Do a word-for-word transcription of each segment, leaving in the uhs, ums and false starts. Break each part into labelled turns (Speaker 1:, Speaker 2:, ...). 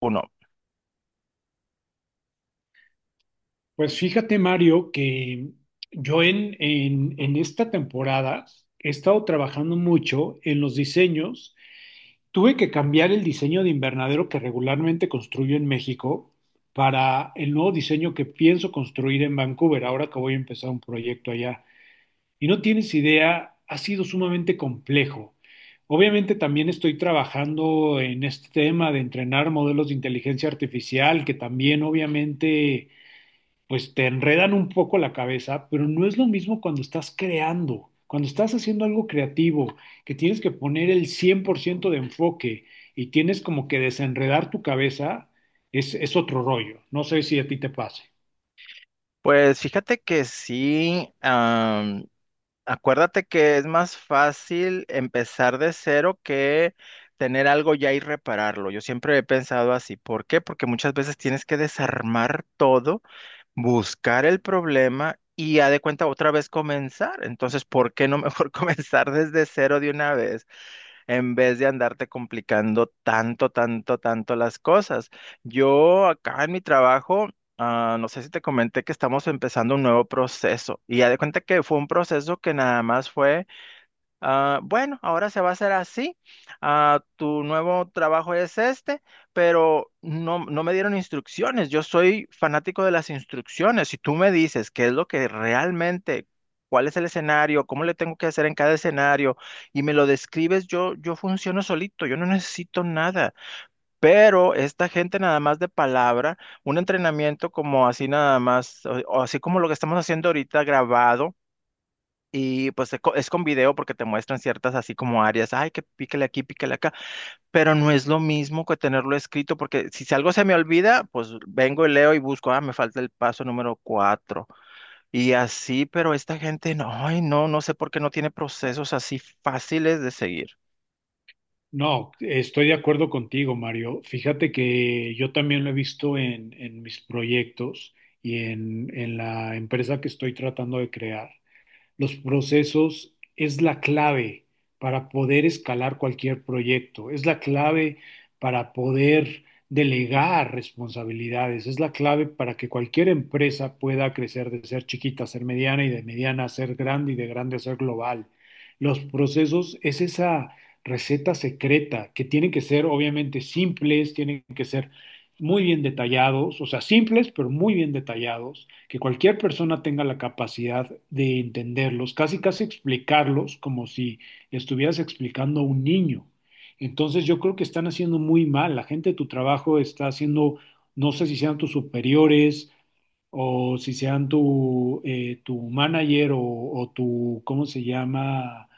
Speaker 1: Uno,
Speaker 2: Pues fíjate, Mario, que yo en, en, en esta temporada he estado trabajando mucho en los diseños. Tuve que cambiar el diseño de invernadero que regularmente construyo en México para el nuevo diseño que pienso construir en Vancouver, ahora que voy a empezar un proyecto allá. Y no tienes idea, ha sido sumamente complejo. Obviamente también estoy trabajando en este tema de entrenar modelos de inteligencia artificial, que también obviamente pues te enredan un poco la cabeza, pero no es lo mismo cuando estás creando, cuando estás haciendo algo creativo, que tienes que poner el cien por ciento de enfoque y tienes como que desenredar tu cabeza, es, es otro rollo. No sé si a ti te pase.
Speaker 1: pues fíjate que sí. Am, acuérdate que es más fácil empezar de cero que tener algo ya y repararlo. Yo siempre he pensado así. ¿Por qué? Porque muchas veces tienes que desarmar todo, buscar el problema y ya de cuenta otra vez comenzar. Entonces, ¿por qué no mejor comenzar desde cero de una vez, en vez de andarte complicando tanto, tanto, tanto las cosas? Yo acá en mi trabajo... Ah, no sé si te comenté que estamos empezando un nuevo proceso y ya de cuenta que fue un proceso que nada más fue, ah, bueno, ahora se va a hacer así, ah, tu nuevo trabajo es este, pero no, no me dieron instrucciones. Yo soy fanático de las instrucciones. Si tú me dices qué es lo que realmente, cuál es el escenario, cómo le tengo que hacer en cada escenario y me lo describes, yo, yo funciono solito, yo no necesito nada. Pero esta gente nada más de palabra, un entrenamiento como así nada más, o, o así como lo que estamos haciendo ahorita grabado y pues es co- es con video, porque te muestran ciertas así como áreas, ay, que píquele aquí, píquele acá, pero no es lo mismo que tenerlo escrito, porque si si algo se me olvida, pues vengo y leo y busco, ah, me falta el paso número cuatro y así, pero esta gente no, ay, no, no sé por qué no tiene procesos así fáciles de seguir.
Speaker 2: No, estoy de acuerdo contigo, Mario. Fíjate que yo también lo he visto en, en mis proyectos y en, en la empresa que estoy tratando de crear. Los procesos es la clave para poder escalar cualquier proyecto, es la clave para poder delegar responsabilidades, es la clave para que cualquier empresa pueda crecer de ser chiquita a ser mediana y de mediana a ser grande y de grande a ser global. Los procesos es esa receta secreta que tienen que ser obviamente simples, tienen que ser muy bien detallados, o sea, simples pero muy bien detallados que cualquier persona tenga la capacidad de entenderlos, casi casi explicarlos como si estuvieras explicando a un niño. Entonces yo creo que están haciendo muy mal, la gente de tu trabajo está haciendo, no sé si sean tus superiores o si sean tu, eh, tu manager o, o tu, ¿cómo se llama?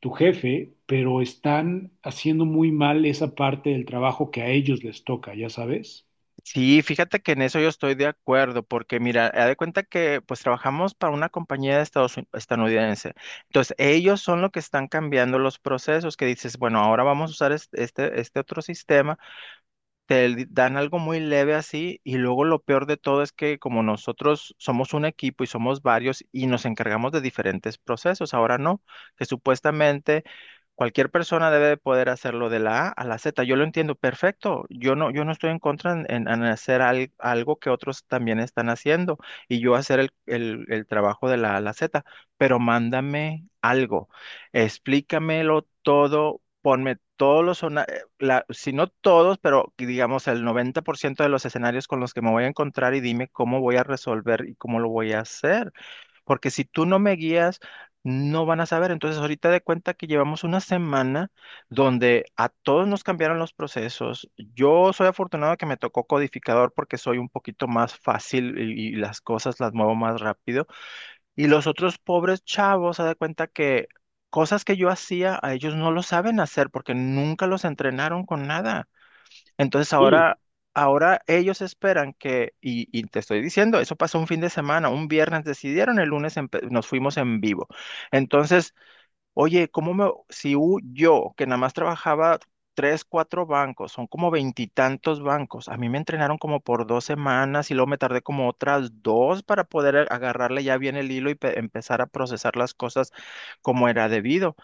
Speaker 2: Tu jefe, pero están haciendo muy mal esa parte del trabajo que a ellos les toca, ya sabes.
Speaker 1: Sí, fíjate que en eso yo estoy de acuerdo, porque mira, haz de cuenta que pues trabajamos para una compañía de Estados Uni- estadounidense. Entonces, ellos son los que están cambiando los procesos, que dices, bueno, ahora vamos a usar es- este, este, otro sistema, te dan algo muy leve así y luego lo peor de todo es que, como nosotros somos un equipo y somos varios y nos encargamos de diferentes procesos, ahora no, que supuestamente cualquier persona debe de poder hacerlo de la A a la Z. Yo lo entiendo perfecto, yo no, yo no estoy en contra en, en- en hacer al- algo que otros también están haciendo y yo hacer el, el el trabajo de la A a la Z, pero mándame algo, explícamelo todo. Ponme todos los la- si no todos, pero que digamos el noventa por ciento de los escenarios con los que me voy a encontrar, y dime cómo voy a resolver y cómo lo voy a hacer. Porque si tú no me guías, no van a saber. Entonces, ahorita de cuenta que llevamos una semana donde a todos nos cambiaron los procesos. Yo soy afortunado que me tocó codificador porque soy un poquito más fácil y, y las cosas las muevo más rápido. Y los otros pobres chavos, se dan cuenta que cosas que yo hacía, a ellos no lo saben hacer porque nunca los entrenaron con nada. Entonces
Speaker 2: Sí,
Speaker 1: ahora, ahora ellos esperan que, y, y te estoy diciendo, eso pasó un fin de semana, un viernes decidieron, el lunes empe- nos fuimos en vivo. Entonces, oye, ¿cómo me, si u- yo, que nada más trabajaba tres, cuatro bancos, son como veintitantos bancos, a mí me entrenaron como por dos semanas y luego me tardé como otras dos para poder a- agarrarle ya bien el hilo y pe- empezar a procesar las cosas como era debido?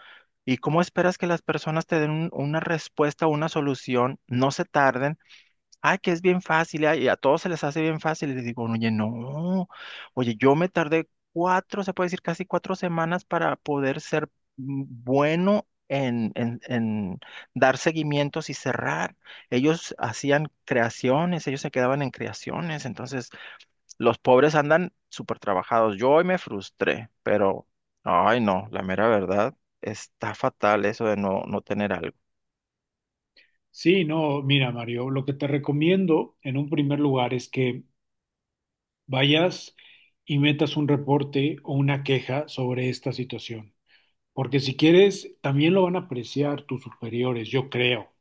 Speaker 1: ¿Y cómo esperas que las personas te den un- una respuesta, una solución, no se tarden? Ah, que es bien fácil, ah, y a todos se les hace bien fácil. Y le digo, oye, no, oye, yo me tardé cuatro, se puede decir casi cuatro semanas para poder ser mm, bueno en, en, en dar seguimientos y cerrar. Ellos hacían creaciones, ellos se quedaban en creaciones, entonces los pobres andan súper trabajados. Yo hoy me frustré, pero, ay, no, la mera verdad, está fatal eso de no, no tener algo.
Speaker 2: sí, no, mira, Mario, lo que te recomiendo en un primer lugar es que vayas y metas un reporte o una queja sobre esta situación, porque si quieres, también lo van a apreciar tus superiores, yo creo,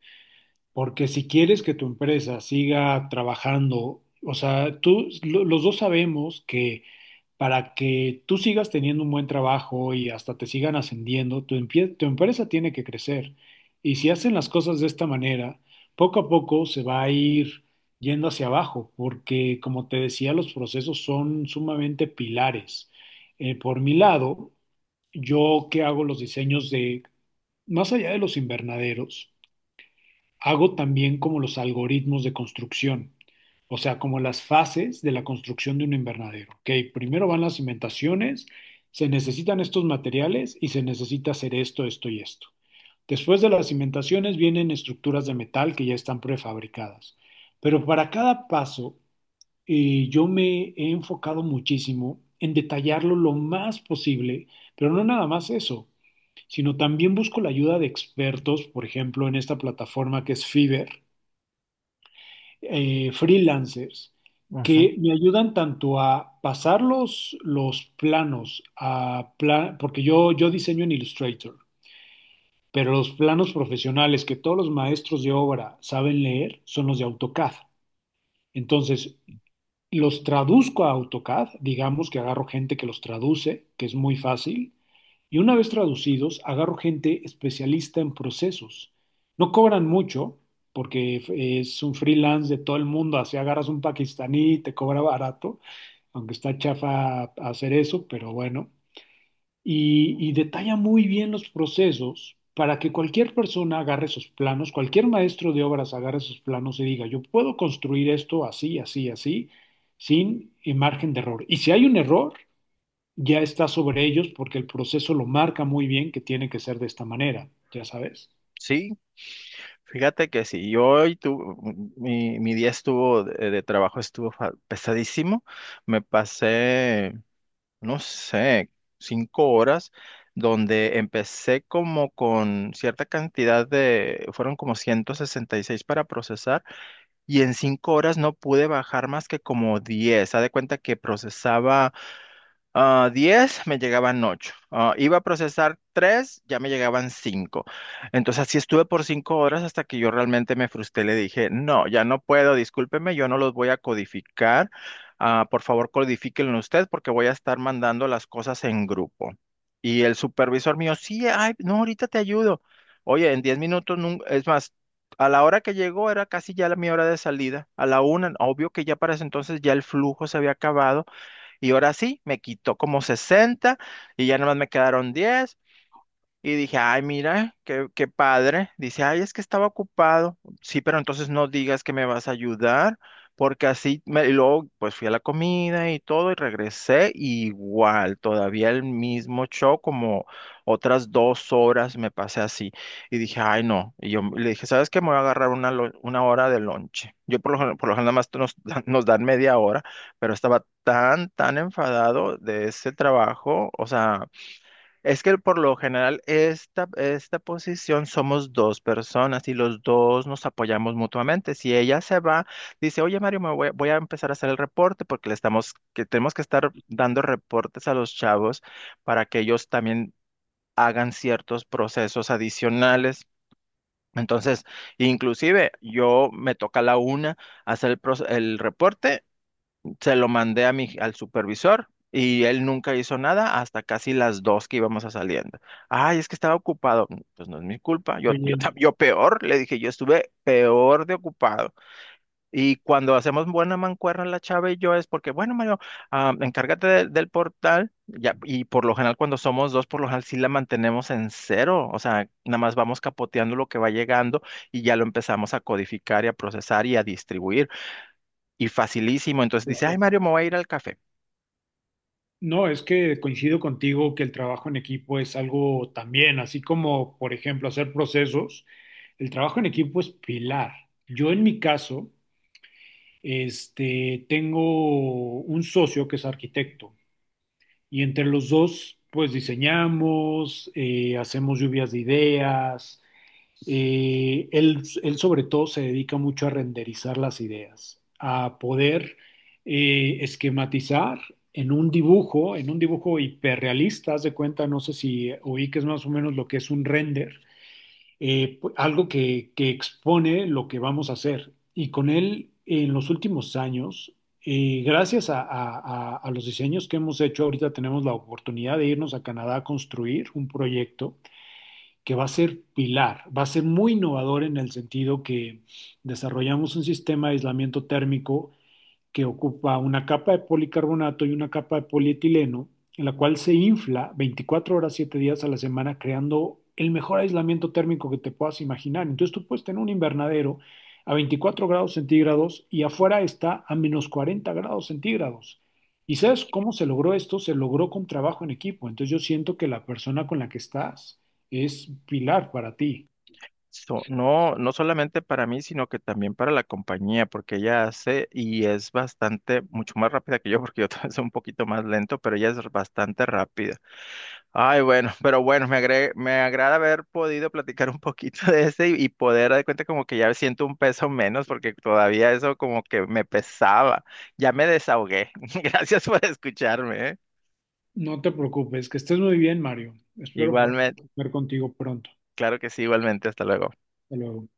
Speaker 2: porque si quieres que tu empresa siga trabajando, o sea, tú, lo- los dos sabemos que para que tú sigas teniendo un buen trabajo y hasta te sigan ascendiendo, tu, empie- tu empresa tiene que crecer. Y si hacen las cosas de esta manera, poco a poco se va a ir yendo hacia abajo, porque como te decía, los procesos son sumamente pilares. Eh, por mi lado, yo que hago los diseños de, más allá de los invernaderos, hago también como los algoritmos de construcción, o sea, como las fases de la construcción de un invernadero. Ok, primero van las cimentaciones, se necesitan estos materiales y se necesita hacer esto, esto y esto. Después de las cimentaciones vienen estructuras de metal que ya están prefabricadas. Pero para cada paso, eh, yo me he enfocado muchísimo en detallarlo lo más posible, pero no nada más eso, sino también busco la ayuda de expertos, por ejemplo, en esta plataforma que es Fiverr, eh, freelancers
Speaker 1: Ujú.
Speaker 2: que me ayudan tanto a pasar los, los planos a pla- porque yo, yo diseño en Illustrator, pero los planos profesionales que todos los maestros de obra saben leer son los de AutoCAD. Entonces, los traduzco a AutoCAD, digamos que agarro gente que los traduce, que es muy fácil, y una vez traducidos, agarro gente especialista en procesos. No cobran mucho, porque es un freelance de todo el mundo. Así agarras un pakistaní, te cobra barato, aunque está chafa hacer eso, pero bueno. Y, y detalla muy bien los procesos para que cualquier persona agarre esos planos, cualquier maestro de obras agarre esos planos y diga, yo puedo construir esto así, así, así, sin eh, margen de error. Y si hay un error, ya está sobre ellos porque el proceso lo marca muy bien que tiene que ser de esta manera, ya sabes.
Speaker 1: Sí, fíjate que sí. yo hoy tu, mi, mi día estuvo de, de trabajo estuvo fa- pesadísimo. Me pasé, no sé, cinco horas donde empecé como con cierta cantidad de, fueron como ciento sesenta y seis para procesar y en cinco horas no pude bajar más que como diez. Haz de cuenta que procesaba, ah, diez me llegaban ocho, iba a procesar tres ya me llegaban cinco. Entonces así estuve por cinco horas hasta que yo realmente me frustré. Le dije, no, ya no puedo, discúlpeme, yo no los voy a codificar. Ah, por favor, codifíquenlo usted porque voy a estar mandando las cosas en grupo. Y el supervisor mío, sí, ay, no, ahorita te ayudo. Oye, en diez minutos, nun- es más, a la hora que llegó era casi ya la, mi hora de salida, a la una. Obvio que ya para ese entonces ya el flujo se había acabado y ahora sí, me quitó como sesenta y ya nada más me quedaron diez, y dije, ay, mira, qué, qué padre. Dice, ay, es que estaba ocupado. Sí, pero entonces no digas que me vas a ayudar, porque así, me... Y luego pues fui a la comida y todo y regresé y igual, todavía el mismo show, como otras dos horas me pasé así. Y dije, ay, no. Y yo le dije, ¿sabes qué? Me voy a agarrar una, lo- una hora de lonche. Yo por lo, gen- por lo general nada más nos, nos dan media hora, pero estaba tan, tan enfadado de ese trabajo, o sea... Es que por lo general esta, esta posición somos dos personas y los dos nos apoyamos mutuamente. Si ella se va, dice, oye Mario, me voy, voy a empezar a hacer el reporte porque le estamos, que tenemos que estar dando reportes a los chavos para que ellos también hagan ciertos procesos adicionales. Entonces, inclusive yo me toca a la una hacer el, proce- el reporte, se lo mandé a mi, al supervisor y él nunca hizo nada hasta casi las dos que íbamos a saliendo. Ay, es que estaba ocupado. Pues no es mi culpa. Yo, yo, tam-
Speaker 2: Oye,
Speaker 1: yo peor, le dije, yo estuve peor de ocupado. Y cuando hacemos buena mancuerna la chava y yo es porque, bueno, Mario, ah, encárgate del del portal. Ya, y por lo general cuando somos dos, por lo general sí la mantenemos en cero. O sea, nada más vamos capoteando lo que va llegando y ya lo empezamos a codificar y a procesar y a distribuir. Y facilísimo. Entonces dice, ay,
Speaker 2: claro.
Speaker 1: Mario, me voy a ir al café.
Speaker 2: No, es que coincido contigo que el trabajo en equipo es algo también, así como, por ejemplo, hacer procesos, el trabajo en equipo es pilar. Yo en mi caso, este, tengo un socio que es arquitecto y entre los dos, pues diseñamos, eh, hacemos lluvias de ideas. Eh, él, él sobre todo se dedica mucho a renderizar las ideas, a poder eh, esquematizar en un dibujo, en un dibujo hiperrealista, haz de cuenta, no sé si oí que es más o menos lo que es un render, eh, pu- algo que, que expone lo que vamos a hacer. Y con él, en los últimos años, eh, gracias a, a a- a los diseños que hemos hecho, ahorita tenemos la oportunidad de irnos a Canadá a construir un proyecto que va a ser pilar, va a ser muy innovador en el sentido que desarrollamos un sistema de aislamiento térmico que ocupa una capa de policarbonato y una capa de polietileno, en la cual se infla veinticuatro horas, siete días a la semana, creando el mejor aislamiento térmico que te puedas imaginar. Entonces tú puedes tener un invernadero a veinticuatro grados centígrados y afuera está a menos cuarenta grados centígrados. ¿Y sabes cómo se logró esto? Se logró con trabajo en equipo. Entonces yo siento que la persona con la que estás es pilar para ti.
Speaker 1: So- no, no solamente para mí, sino que también para la compañía, porque ella hace y es bastante, mucho más rápida que yo, porque yo también soy un poquito más lento, pero ella es bastante rápida. Ay, bueno, pero bueno, me agre- me agrada haber podido platicar un poquito de ese y, y poder dar cuenta como que ya siento un peso menos, porque todavía eso como que me pesaba. Ya me desahogué. Gracias por escucharme, ¿eh?
Speaker 2: No te preocupes, que estés muy bien, Mario. Espero poder
Speaker 1: Igualmente,
Speaker 2: ver contigo pronto.
Speaker 1: claro que sí, igualmente, hasta luego.
Speaker 2: Hasta luego.